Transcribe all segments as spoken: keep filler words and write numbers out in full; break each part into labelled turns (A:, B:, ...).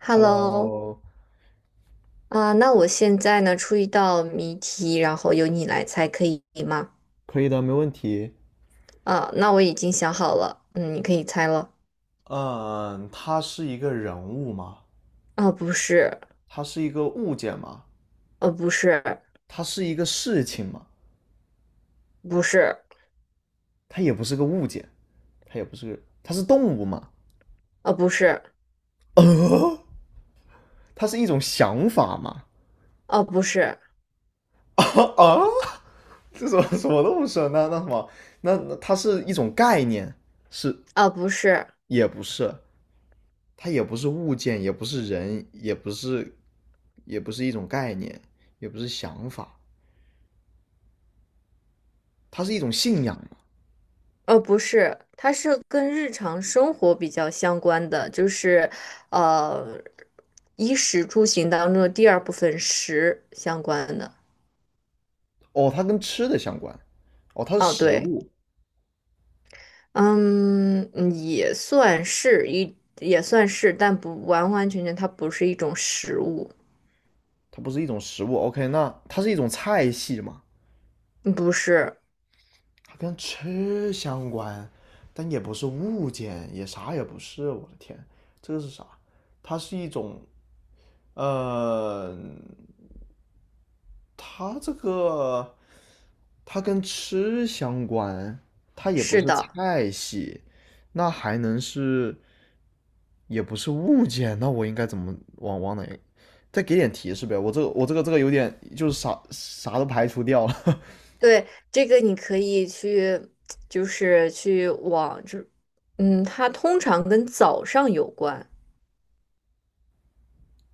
A: Hello,
B: Hello，
A: 啊、那我现在呢出一道谜题，然后由你来猜，可以吗？
B: 可以的，没问题。
A: 啊、那我已经想好了，嗯，你可以猜了。
B: 嗯，它是一个人物吗？
A: 啊、不是，
B: 它是一个物件吗？
A: 呃、不是，
B: 它是一个事情吗？
A: 不是，
B: 它也不是个物件，它也不是个，它是动物吗？
A: 呃、不是，
B: 呃，它是一种想法吗？
A: 呃、不是，
B: 啊啊这什么什么都不是。那那什么，那那它是一种概念，是
A: 呃、不是，
B: 也不是？它也不是物件，也不是人，也不是，也不是一种概念，也不是想法，它是一种信仰。
A: 呃、不是，它是跟日常生活比较相关的，就是呃，衣食住行当中的第二部分食相关的。
B: 哦，它跟吃的相关，哦，它是
A: 哦，
B: 食
A: 对。
B: 物，
A: 嗯，嗯也算是一，也算是，但不完完全全，它不是一种食物，
B: 它不是一种食物。OK,那它是一种菜系嘛？
A: 嗯不是，
B: 它跟吃相关，但也不是物件，也啥也不是。我的天，这个是啥？它是一种，呃，它这个它跟吃相关，它也不
A: 是
B: 是
A: 的，
B: 菜系，那还能是也不是物件，那我应该怎么往往哪？再给点提示呗，我这个我这个这个有点就是啥啥都排除掉了。
A: 对，这个你可以去，就是去往，就，嗯，它通常跟早上有关，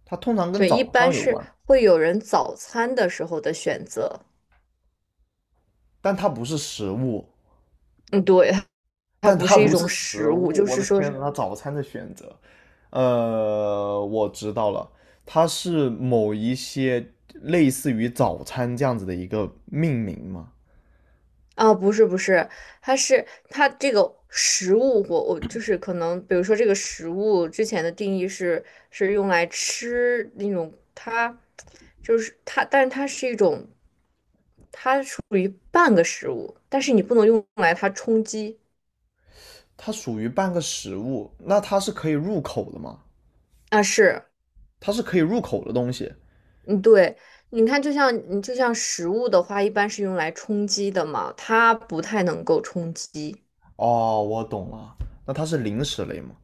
B: 它通常跟
A: 对，一
B: 早上
A: 般
B: 有
A: 是
B: 关，
A: 会有人早餐的时候的选择，
B: 但它不是食物，
A: 嗯，对，它
B: 但
A: 不
B: 它
A: 是一
B: 不是
A: 种
B: 食
A: 食
B: 物。
A: 物，就
B: 我
A: 是
B: 的
A: 说
B: 天
A: 是。
B: 呐，它早餐的选择，呃，我知道了，它是某一些类似于早餐这样子的一个命名嘛？
A: 啊，不是不是，它是它这个食物，我我就是可能，比如说这个食物之前的定义是是用来吃那种，它就是它，但是它是一种属于半个食物，但是你不能用来它充饥。
B: 它属于半个食物，那它是可以入口的吗？
A: 啊，是，
B: 它是可以入口的东西。
A: 嗯，对，你看，就像你就像食物的话，一般是用来充饥的嘛，它不太能够充饥，
B: 哦，我懂了，那它是零食类吗？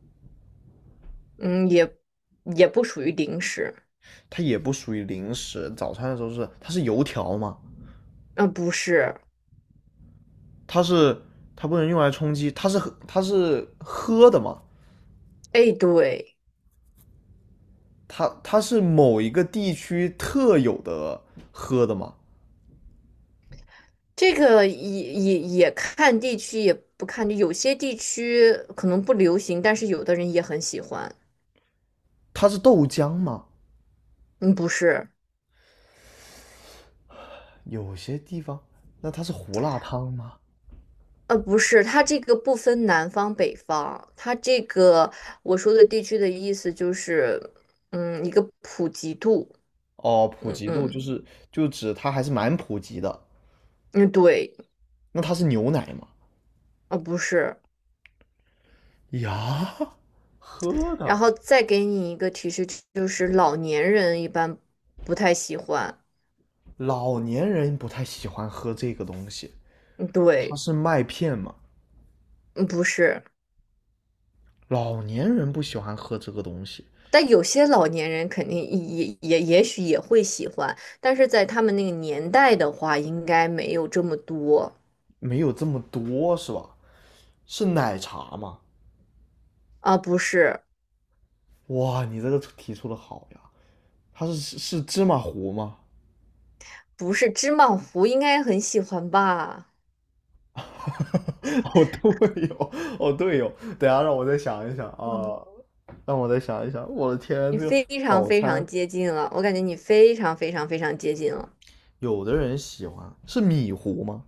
A: 嗯，也也不属于零食，
B: 它也不属于零食，早餐的时候是它是油条吗？
A: 啊，不是，
B: 它是它不能用来充饥，它是它是喝的吗？
A: 哎，对。
B: 它它是某一个地区特有的喝的吗？
A: 这个也也也看地区，也不看地，有些地区可能不流行，但是有的人也很喜欢。
B: 它是豆浆吗？
A: 嗯，不是，
B: 有些地方，那它是胡辣汤吗？
A: 呃，不是，它这个不分南方北方，它这个我说的地区的意思就是，嗯，一个普及度。
B: 哦，普
A: 嗯
B: 及度就
A: 嗯
B: 是就指它还是蛮普及的。
A: 嗯，对，
B: 那它是牛奶吗？
A: 呃，不是。
B: 呀，喝
A: 然
B: 的，
A: 后再给你一个提示，就是老年人一般不太喜欢。
B: 老年人不太喜欢喝这个东西。
A: 嗯，
B: 它
A: 对，
B: 是麦片嘛，
A: 嗯，不是。
B: 老年人不喜欢喝这个东西，
A: 但有些老年人肯定也也也许也会喜欢，但是在他们那个年代的话，应该没有这么多。
B: 没有这么多是吧？是奶茶嘛？
A: 啊。不是，
B: 哇，你这个提出的好呀！它是是芝麻糊吗？
A: 不是，芝麻糊应该很喜欢吧？
B: 哦，对哦，哦对哦，等一下让我再想一想
A: 嗯，
B: 啊，让我再想一想。我的天，
A: 你
B: 这个
A: 非常
B: 早
A: 非常
B: 餐，
A: 接近了，我感觉你非常非常非常接近了。
B: 有的人喜欢是米糊吗？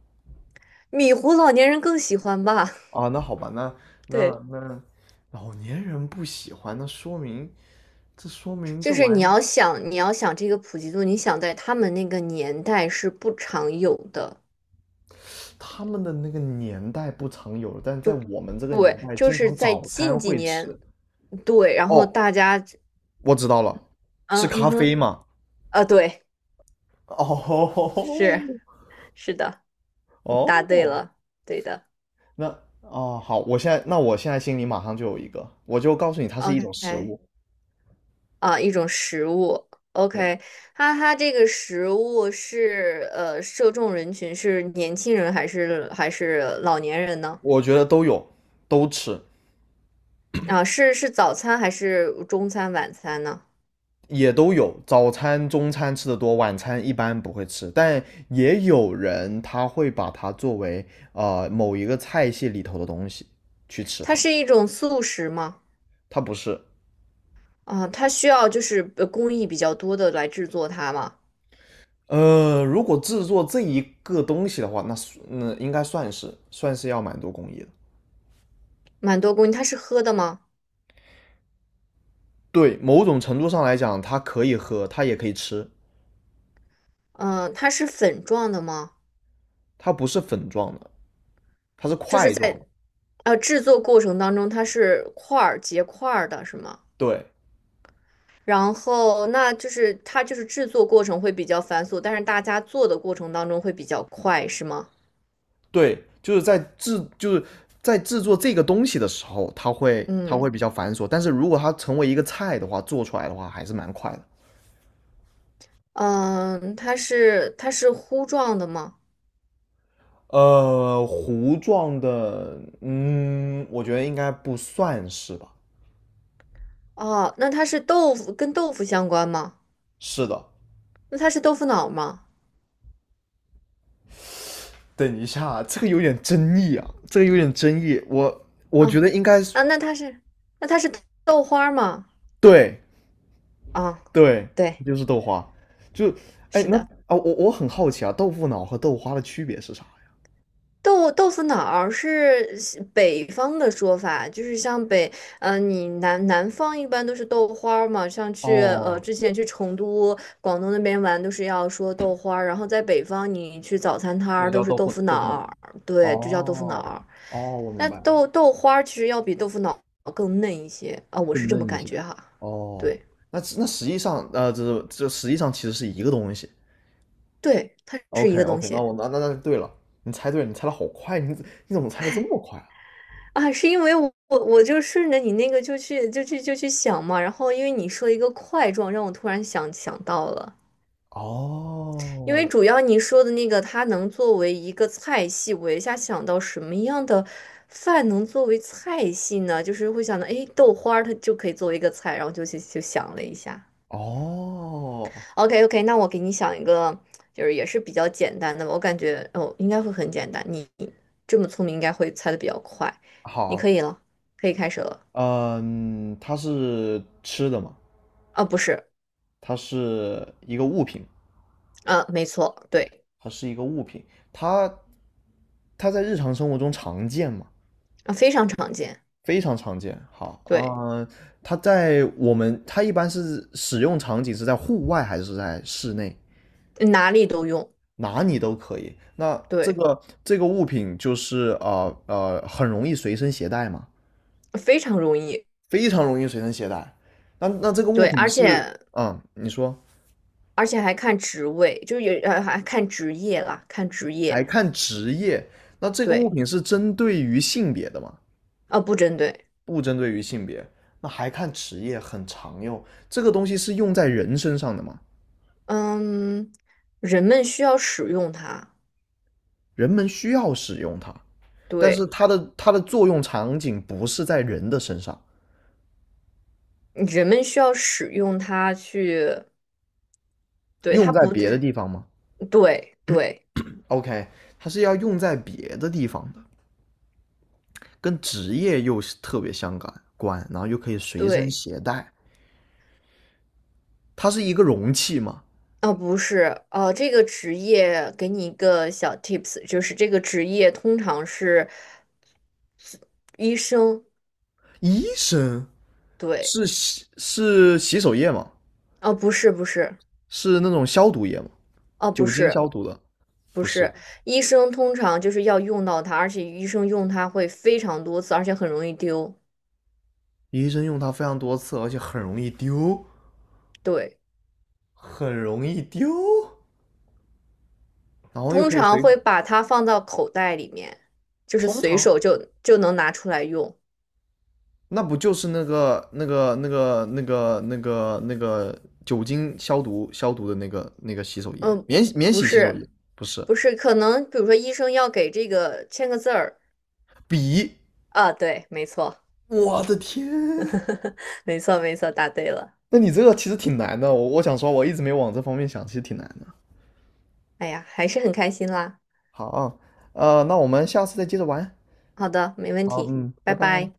A: 米糊老年人更喜欢吧？
B: 啊，那好吧，那那
A: 对，
B: 那老年人不喜欢，那说明这说明
A: 就
B: 这
A: 是
B: 玩
A: 你
B: 意
A: 要想，你要想这个普及度，你想在他们那个年代是不常有的。
B: 他们的那个年代不常有，但在我们这个年
A: 对，
B: 代，
A: 就
B: 经
A: 是
B: 常
A: 在
B: 早餐
A: 近几
B: 会
A: 年，
B: 吃。
A: 对，然后
B: 哦，
A: 大家
B: 我知道了，是
A: 嗯嗯
B: 咖啡
A: 哼，
B: 嘛？
A: 啊，对，
B: 哦
A: 是是的，你答对
B: 哦，
A: 了，对的
B: 那哦好，我现在那我现在心里马上就有一个，我就告诉你，它是一种食
A: ，OK,
B: 物。
A: 啊，一种食物
B: 对，
A: ，OK,它它这个食物是呃，受众人群是年轻人还是还是老年人呢？
B: 我觉得都有，都吃，
A: 啊，是是早餐还是中餐晚餐呢？
B: 也都有。早餐、中餐吃的多，晚餐一般不会吃，但也有人他会把它作为呃某一个菜系里头的东西去吃
A: 它
B: 它，
A: 是一种速食吗？
B: 它不是，
A: 啊，它需要就是呃工艺比较多的来制作它吗？
B: 呃，如果制作这一个东西的话，那那应该算是算是要蛮多工艺的。
A: 蛮多工艺，它是喝的吗？
B: 对，某种程度上来讲，它可以喝，它也可以吃，
A: 嗯、它是粉状的吗？
B: 它不是粉状的，它是
A: 就是
B: 块状
A: 在。
B: 的。
A: 呃，制作过程当中它是块儿结块儿的，是吗？
B: 对
A: 然后那就是它就是制作过程会比较繁琐，但是大家做的过程当中会比较快，是吗？
B: 对，就是在制就是在制作这个东西的时候，它会它会
A: 嗯
B: 比较繁琐，但是如果它成为一个菜的话，做出来的话还是蛮快的。
A: 嗯，它是它是糊状的吗？
B: 呃，糊状的，嗯，我觉得应该不算是吧？
A: 哦，那它是豆腐跟豆腐相关吗？
B: 是的，
A: 那它是豆腐脑吗？
B: 等一下，这个有点争议啊，这个有点争议。我我觉
A: 啊
B: 得应该是
A: 啊，那它是那它是豆花吗？
B: 对
A: 啊，
B: 对，
A: 对，
B: 就是豆花。就哎，
A: 是
B: 那
A: 的。
B: 啊，我我很好奇啊，豆腐脑和豆花的区别是啥呀？
A: 豆豆腐脑儿是西北方的说法，就是像北，呃，你南南方一般都是豆花儿嘛，像去呃
B: 哦，
A: 之前去成都、广东那边玩都是要说豆花儿，然后在北方你去早餐摊
B: 这就
A: 儿都
B: 叫
A: 是
B: 豆
A: 豆
B: 腐
A: 腐
B: 豆
A: 脑
B: 腐脑。
A: 儿，对，就叫豆腐脑
B: 哦
A: 儿。
B: 哦，我
A: 那
B: 明白了，
A: 豆豆花儿其实要比豆腐脑儿更嫩一些啊，我是
B: 更
A: 这么
B: 嫩一
A: 感
B: 些。
A: 觉哈。
B: 哦，
A: 对，
B: 那那实际上，呃，这是这实际上其实是一个东西。
A: 对，它是一
B: OK
A: 个东
B: OK,那
A: 西。
B: 我那那那对了，你猜对了，你猜的好快，你你怎么猜的这么快啊？
A: 啊，是因为我我就顺着你那个就去就去就去想嘛，然后因为你说一个块状，让我突然想想到了，因为
B: 哦
A: 主要你说的那个它能作为一个菜系，我一下想到什么样的饭能作为菜系呢？就是会想到，哎，豆花儿它就可以作为一个菜，然后就去就想了一下。
B: 哦
A: OK, OK,那我给你想一个，就是也是比较简单的吧，我感觉哦应该会很简单，你这么聪明应该会猜的比较快，你可
B: 好，
A: 以了，可以开始了。
B: 嗯，它是吃的嘛，
A: 啊，不是，
B: 它是一个物品，
A: 嗯，没错，对，
B: 它是一个物品，它它在日常生活中常见嘛，
A: 啊，非常常见，
B: 非常常见。好，
A: 对，
B: 嗯，它在我们，它一般是使用场景是在户外还是在室内？
A: 哪里都用，
B: 哪里都可以。那这
A: 对，
B: 个这个物品就是呃呃，很容易随身携带嘛，
A: 非常容易，
B: 非常容易随身携带。那那这个物
A: 对，
B: 品
A: 而
B: 是，
A: 且
B: 嗯，你说。
A: 而且还看职位，就是也呃还看职业啦，看职
B: 还
A: 业，
B: 看职业。那这个物
A: 对，
B: 品是针对于性别的吗？
A: 啊，不针对，
B: 不针对于性别。那还看职业，很常用。这个东西是用在人身上的吗？
A: 嗯，人们需要使用它，
B: 人们需要使用它，但是
A: 对，
B: 它的它的作用场景不是在人的身上，
A: 人们需要使用它去，对，
B: 用
A: 它
B: 在
A: 不，
B: 别的地方吗
A: 对对
B: ？OK,它是要用在别的地方的，跟职业又是特别相关然后又可以随身
A: 对。
B: 携带。它是一个容器吗？
A: 哦，不是，呃，这个职业给你一个小 tips,就是这个职业通常是医生，
B: 医生
A: 对，
B: 是洗是洗手液吗？
A: 哦，不是，不是，
B: 是那种消毒液吗？
A: 哦，不
B: 酒精
A: 是，
B: 消毒的？
A: 不
B: 不是，
A: 是，医生通常就是要用到它，而且医生用它会非常多次，而且很容易丢，
B: 医生用它非常多次，而且很容易丢，
A: 对，
B: 很容易丢，然后又
A: 通
B: 可以
A: 常
B: 随身
A: 会把它放到口袋里面，就是
B: 通
A: 随
B: 常
A: 手就就能拿出来用，
B: 那不就是那个那个那个那个那个那个酒精消毒消毒的那个那个洗手液，
A: 嗯，
B: 免免
A: 不
B: 洗洗手
A: 是，
B: 液？不是，
A: 不是，可能比如说医生要给这个签个字儿，
B: 笔。
A: 啊，对，没错。
B: 我的天，
A: 没错，没错，答对了。
B: 那你这个其实挺难的。我我想说，我一直没往这方面想，其实挺难的。
A: 哎呀，还是很开心啦。
B: 好啊，呃，那我们下次再接着玩。
A: 好的，没问
B: 好，
A: 题，
B: 嗯，拜
A: 拜
B: 拜。
A: 拜。